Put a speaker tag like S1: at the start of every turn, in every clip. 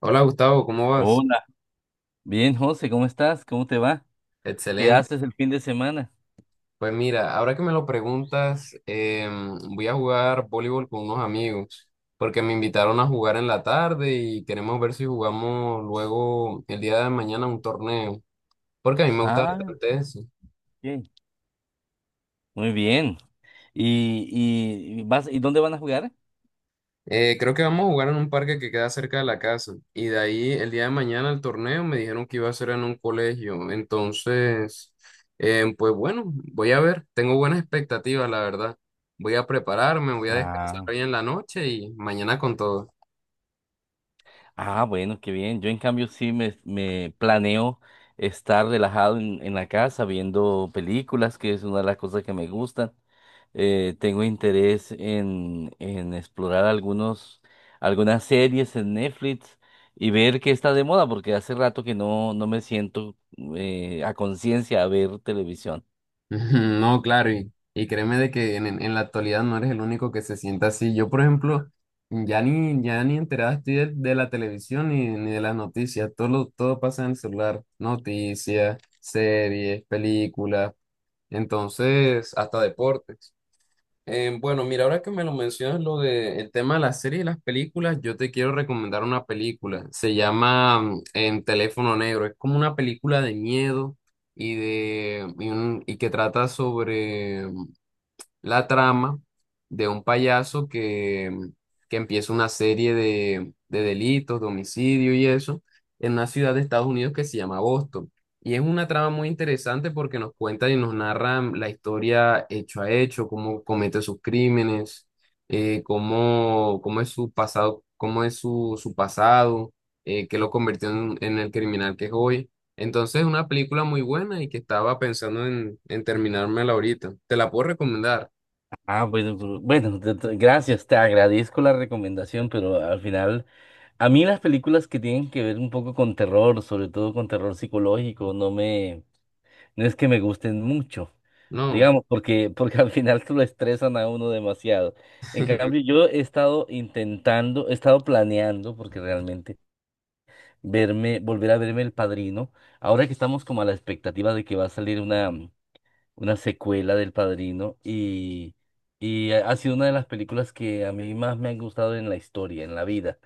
S1: Hola Gustavo, ¿cómo vas?
S2: Hola, bien, José, ¿cómo estás? ¿Cómo te va? ¿Qué
S1: Excelente.
S2: haces el fin de semana?
S1: Pues mira, ahora que me lo preguntas, voy a jugar voleibol con unos amigos, porque me invitaron a jugar en la tarde y queremos ver si jugamos luego el día de mañana un torneo, porque a mí me gusta
S2: Ah,
S1: bastante eso.
S2: bien. Muy bien. ¿Y dónde van a jugar?
S1: Creo que vamos a jugar en un parque que queda cerca de la casa. Y de ahí, el día de mañana, el torneo me dijeron que iba a ser en un colegio. Entonces, pues bueno, voy a ver. Tengo buenas expectativas, la verdad. Voy a prepararme, voy a descansar
S2: Ah,
S1: hoy en la noche y mañana con todo.
S2: bueno, qué bien. Yo en cambio sí me planeo estar relajado en la casa viendo películas, que es una de las cosas que me gustan. Tengo interés en explorar algunas series en Netflix y ver qué está de moda, porque hace rato que no me siento a conciencia a ver televisión.
S1: Ujú. No, claro, y créeme de que en la actualidad no eres el único que se sienta así. Yo, por ejemplo, ya ni enterada estoy de la televisión ni de las noticias. Todo, todo pasa en el celular. Noticias, series, películas, entonces, hasta deportes. Bueno, mira, ahora que me lo mencionas, lo de el tema de las series y las películas, yo te quiero recomendar una película. Se llama En Teléfono Negro. Es como una película de miedo y que trata sobre la trama de un payaso que empieza una serie de delitos, de homicidio y eso, en una ciudad de Estados Unidos que se llama Boston. Y es una trama muy interesante porque nos cuenta y nos narra la historia hecho a hecho, cómo comete sus crímenes, cómo es su pasado, su pasado, qué lo convirtió en el criminal que es hoy. Entonces, es una película muy buena y que estaba pensando en terminármela ahorita. Te la puedo recomendar.
S2: Ah, bueno, bueno, gracias, te agradezco la recomendación, pero al final, a mí las películas que tienen que ver un poco con terror, sobre todo con terror psicológico, no es que me gusten mucho,
S1: No,
S2: digamos, porque al final se lo estresan a uno demasiado. En cambio, yo he estado intentando, he estado planeando, porque realmente verme, volver a verme El Padrino, ahora que estamos como a la expectativa de que va a salir una secuela del Padrino, y ha sido una de las películas que a mí más me han gustado en la historia, en la vida,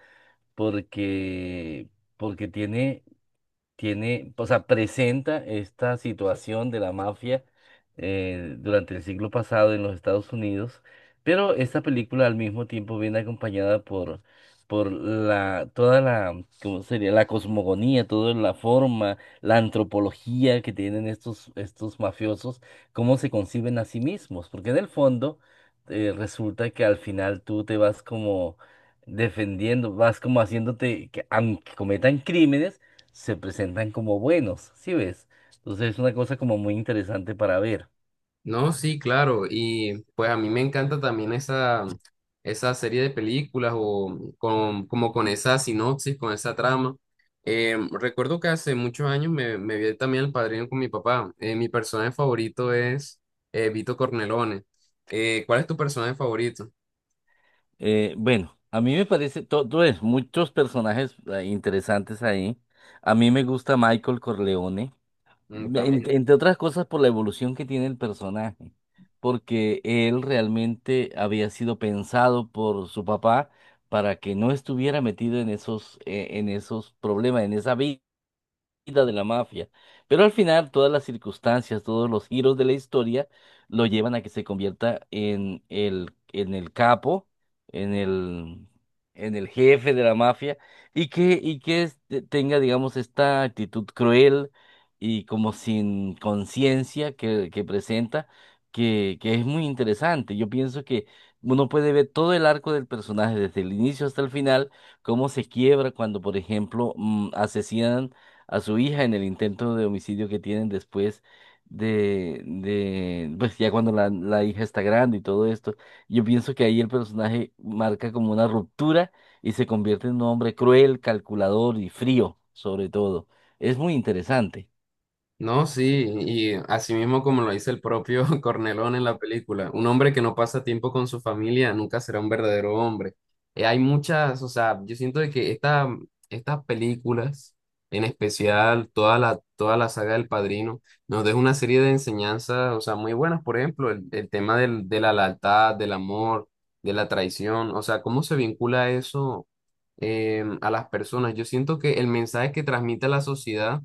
S2: porque, porque tiene, o sea, presenta esta situación de la mafia durante el siglo pasado en los Estados Unidos, pero esta película al mismo tiempo viene acompañada por la, toda la, ¿cómo sería? La cosmogonía, toda la forma, la antropología que tienen estos mafiosos, cómo se conciben a sí mismos, porque en el fondo resulta que al final tú te vas como defendiendo, vas como haciéndote que aunque cometan crímenes, se presentan como buenos, ¿sí ves? Entonces es una cosa como muy interesante para ver.
S1: no, sí, claro. Y pues a mí me encanta también esa serie de películas como con esa sinopsis, con esa trama. Recuerdo que hace muchos años me vi también El Padrino con mi papá. Mi personaje favorito es Vito Cornelone. ¿Cuál es tu personaje favorito?
S2: Bueno, a mí me parece, todo es, muchos personajes interesantes ahí. A mí me gusta Michael Corleone,
S1: Mm. También.
S2: entre otras cosas por la evolución que tiene el personaje, porque él realmente había sido pensado por su papá para que no estuviera metido en esos problemas, en esa vida. Vida de la mafia. Pero al final, todas las circunstancias, todos los giros de la historia lo llevan a que se convierta en el capo, en el, en el jefe de la mafia, y que tenga, digamos, esta actitud cruel y como sin conciencia que presenta, que es muy interesante. Yo pienso que uno puede ver todo el arco del personaje, desde el inicio hasta el final, cómo se quiebra cuando, por ejemplo, asesinan a su hija en el intento de homicidio que tienen después de pues ya cuando la hija está grande y todo esto. Yo pienso que ahí el personaje marca como una ruptura y se convierte en un hombre cruel, calculador y frío, sobre todo. Es muy interesante.
S1: No, sí, y así mismo como lo dice el propio Cornelón en la película, un hombre que no pasa tiempo con su familia nunca será un verdadero hombre. Hay muchas, o sea, yo siento de que estas películas, en especial toda la saga del Padrino, nos deja una serie de enseñanzas, o sea, muy buenas, por ejemplo, el tema de la lealtad, del amor, de la traición, o sea, cómo se vincula eso a las personas. Yo siento que el mensaje que transmite la sociedad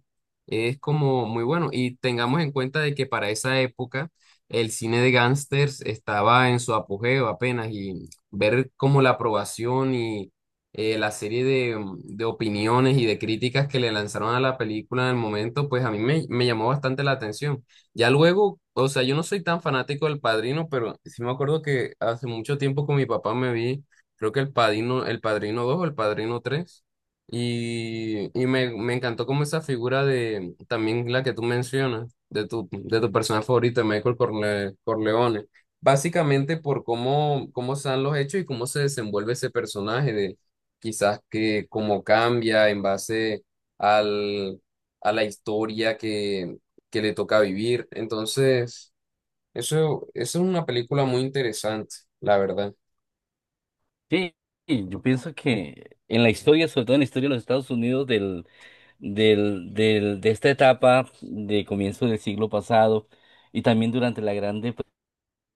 S1: es como muy bueno. Y tengamos en cuenta de que para esa época el cine de gángsters estaba en su apogeo apenas y ver como la aprobación y la serie de opiniones y de críticas que le lanzaron a la película en el momento, pues a mí me llamó bastante la atención. Ya luego, o sea, yo no soy tan fanático del Padrino, pero sí me acuerdo que hace mucho tiempo con mi papá me vi, creo que el Padrino dos o el Padrino tres me encantó como esa figura de, también la que tú mencionas, de tu personaje favorito, Corleone, básicamente por cómo, cómo se dan los hechos y cómo se desenvuelve ese personaje, de quizás que cómo cambia en base al, a la historia que le toca vivir. Entonces, eso es una película muy interesante, la verdad.
S2: Sí, sí, yo pienso que en la historia, sobre todo en la historia de los Estados Unidos de esta etapa de comienzo del siglo pasado y también durante la Gran Depresión,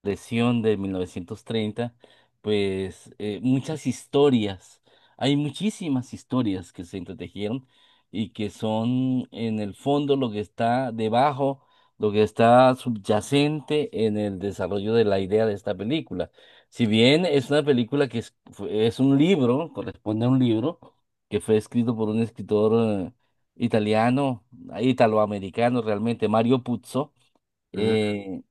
S2: depresión de 1930, pues muchas historias, hay muchísimas historias que se entretejieron y que son en el fondo lo que está debajo, lo que está subyacente en el desarrollo de la idea de esta película. Si bien es una película que es, es un libro, corresponde a un libro que fue escrito por un escritor eh, italiano, italoamericano realmente, Mario Puzo.
S1: Mm,
S2: eh,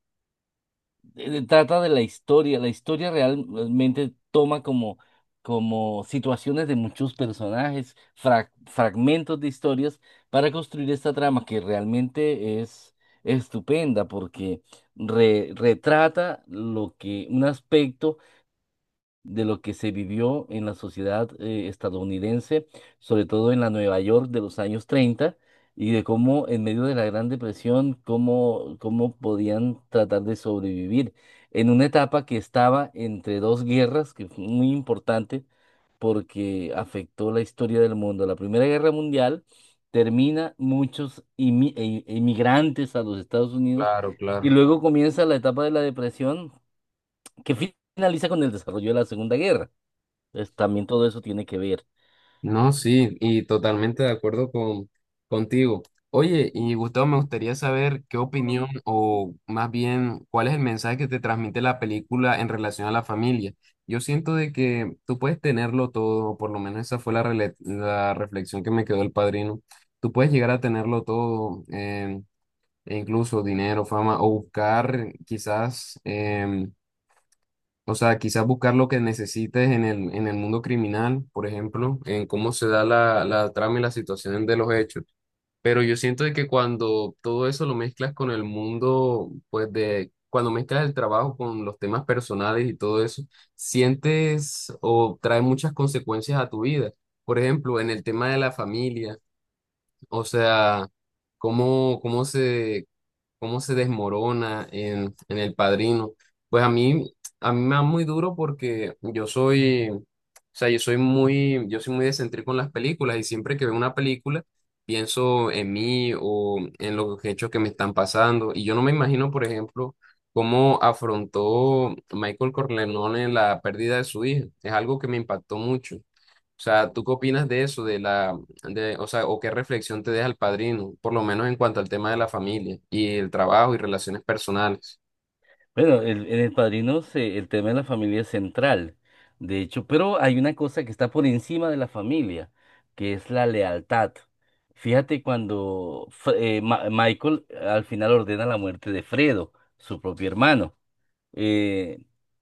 S2: Trata de la historia. La historia realmente toma como, como situaciones de muchos personajes, fragmentos de historias para construir esta trama que realmente es estupenda porque retrata lo que un aspecto de lo que se vivió en la sociedad estadounidense, sobre todo en la Nueva York de los años 30 y de cómo en medio de la Gran Depresión, cómo, cómo podían tratar de sobrevivir en una etapa que estaba entre dos guerras, que fue muy importante porque afectó la historia del mundo. La Primera Guerra Mundial termina muchos emigrantes a los Estados Unidos
S1: claro, claro.
S2: y luego comienza la etapa de la depresión que finaliza con el desarrollo de la Segunda Guerra. Pues también todo eso tiene que ver.
S1: No, sí, y totalmente de acuerdo contigo. Oye, y Gustavo, me gustaría saber qué opinión o más bien cuál es el mensaje que te transmite la película en relación a la familia. Yo siento de que tú puedes tenerlo todo, o por lo menos esa fue la reflexión que me quedó el padrino. Tú puedes llegar a tenerlo todo, e incluso dinero, fama, o buscar quizás o sea, quizás buscar lo que necesites en el mundo criminal, por ejemplo, en cómo se da la trama y la situación de los hechos. Pero yo siento de que cuando todo eso lo mezclas con el mundo, pues de, cuando mezclas el trabajo con los temas personales y todo eso, sientes o trae muchas consecuencias a tu vida. Por ejemplo, en el tema de la familia, o sea, cómo, cómo se, cómo se desmorona en El Padrino. Pues a mí me da muy duro porque yo soy, o sea, yo soy muy descentrico con las películas y siempre que veo una película pienso en mí o en los hechos que me están pasando y yo no me imagino, por ejemplo, cómo afrontó Michael Corleone la pérdida de su hija. Es algo que me impactó mucho. O sea, ¿tú qué opinas de eso, o sea, o qué reflexión te deja el padrino, por lo menos en cuanto al tema de la familia y el trabajo y relaciones personales?
S2: Bueno, en El Padrino el tema de la familia es central, de hecho, pero hay una cosa que está por encima de la familia, que es la lealtad. Fíjate cuando Michael al final ordena la muerte de Fredo, su propio hermano. eh,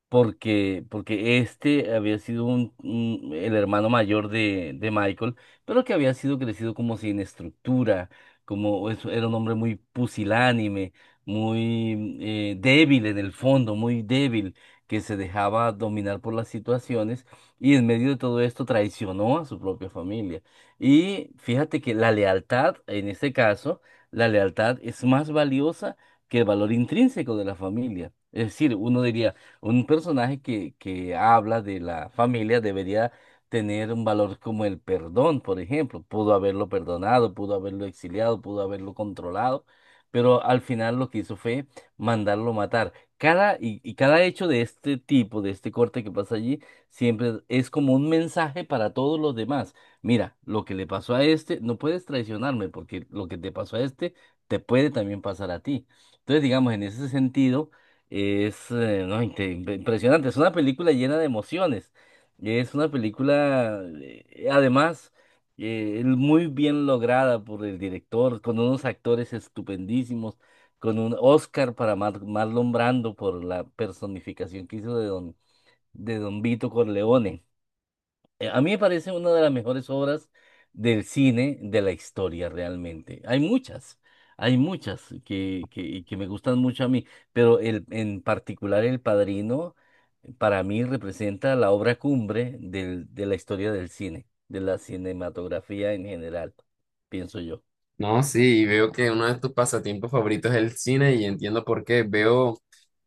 S2: Porque, porque este había sido el hermano mayor de Michael, pero que había sido crecido como sin estructura, como era un hombre muy pusilánime, muy débil en el fondo, muy débil, que se dejaba dominar por las situaciones y en medio de todo esto traicionó a su propia familia. Y fíjate que la lealtad, en este caso, la lealtad es más valiosa que el valor intrínseco de la familia. Es decir, uno diría, un personaje que habla de la familia debería tener un valor como el perdón, por ejemplo. Pudo haberlo perdonado, pudo haberlo exiliado, pudo haberlo controlado, pero al final lo que hizo fue mandarlo matar. Y y cada hecho de este tipo, de este corte que pasa allí, siempre es como un mensaje para todos los demás. Mira, lo que le pasó a este, no puedes traicionarme porque lo que te pasó a este te puede también pasar a ti. Entonces, digamos, en ese sentido, es no, inte- impresionante. Es una película llena de emociones. Es una película, además, muy bien lograda por el director, con unos actores estupendísimos, con un Oscar para Marlon Brando por la personificación que hizo de Don Vito Corleone. A mí me parece una de las mejores obras del cine de la historia, realmente. Hay muchas y que me gustan mucho a mí, pero el, en particular El Padrino, para mí representa la obra cumbre del, de la historia del cine, de la cinematografía en general, pienso yo.
S1: No, sí, y veo que uno de tus pasatiempos favoritos es el cine y entiendo por qué.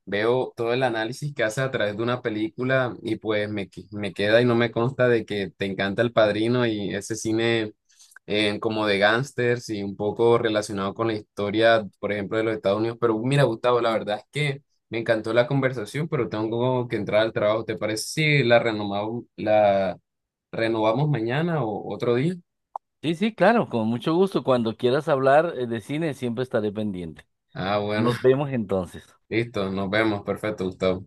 S1: Veo todo el análisis que haces a través de una película y pues me queda y no me consta de que te encanta El Padrino y ese cine como de gángsters y un poco relacionado con la historia, por ejemplo, de los Estados Unidos. Pero mira, Gustavo, la verdad es que me encantó la conversación, pero tengo que entrar al trabajo. ¿Te parece si la renovamos, la renovamos mañana o otro día?
S2: Sí, sí, claro, con mucho gusto. Cuando quieras hablar de cine, siempre estaré pendiente.
S1: Ah, bueno,
S2: Nos vemos entonces.
S1: listo, nos vemos. Perfecto, Gustavo.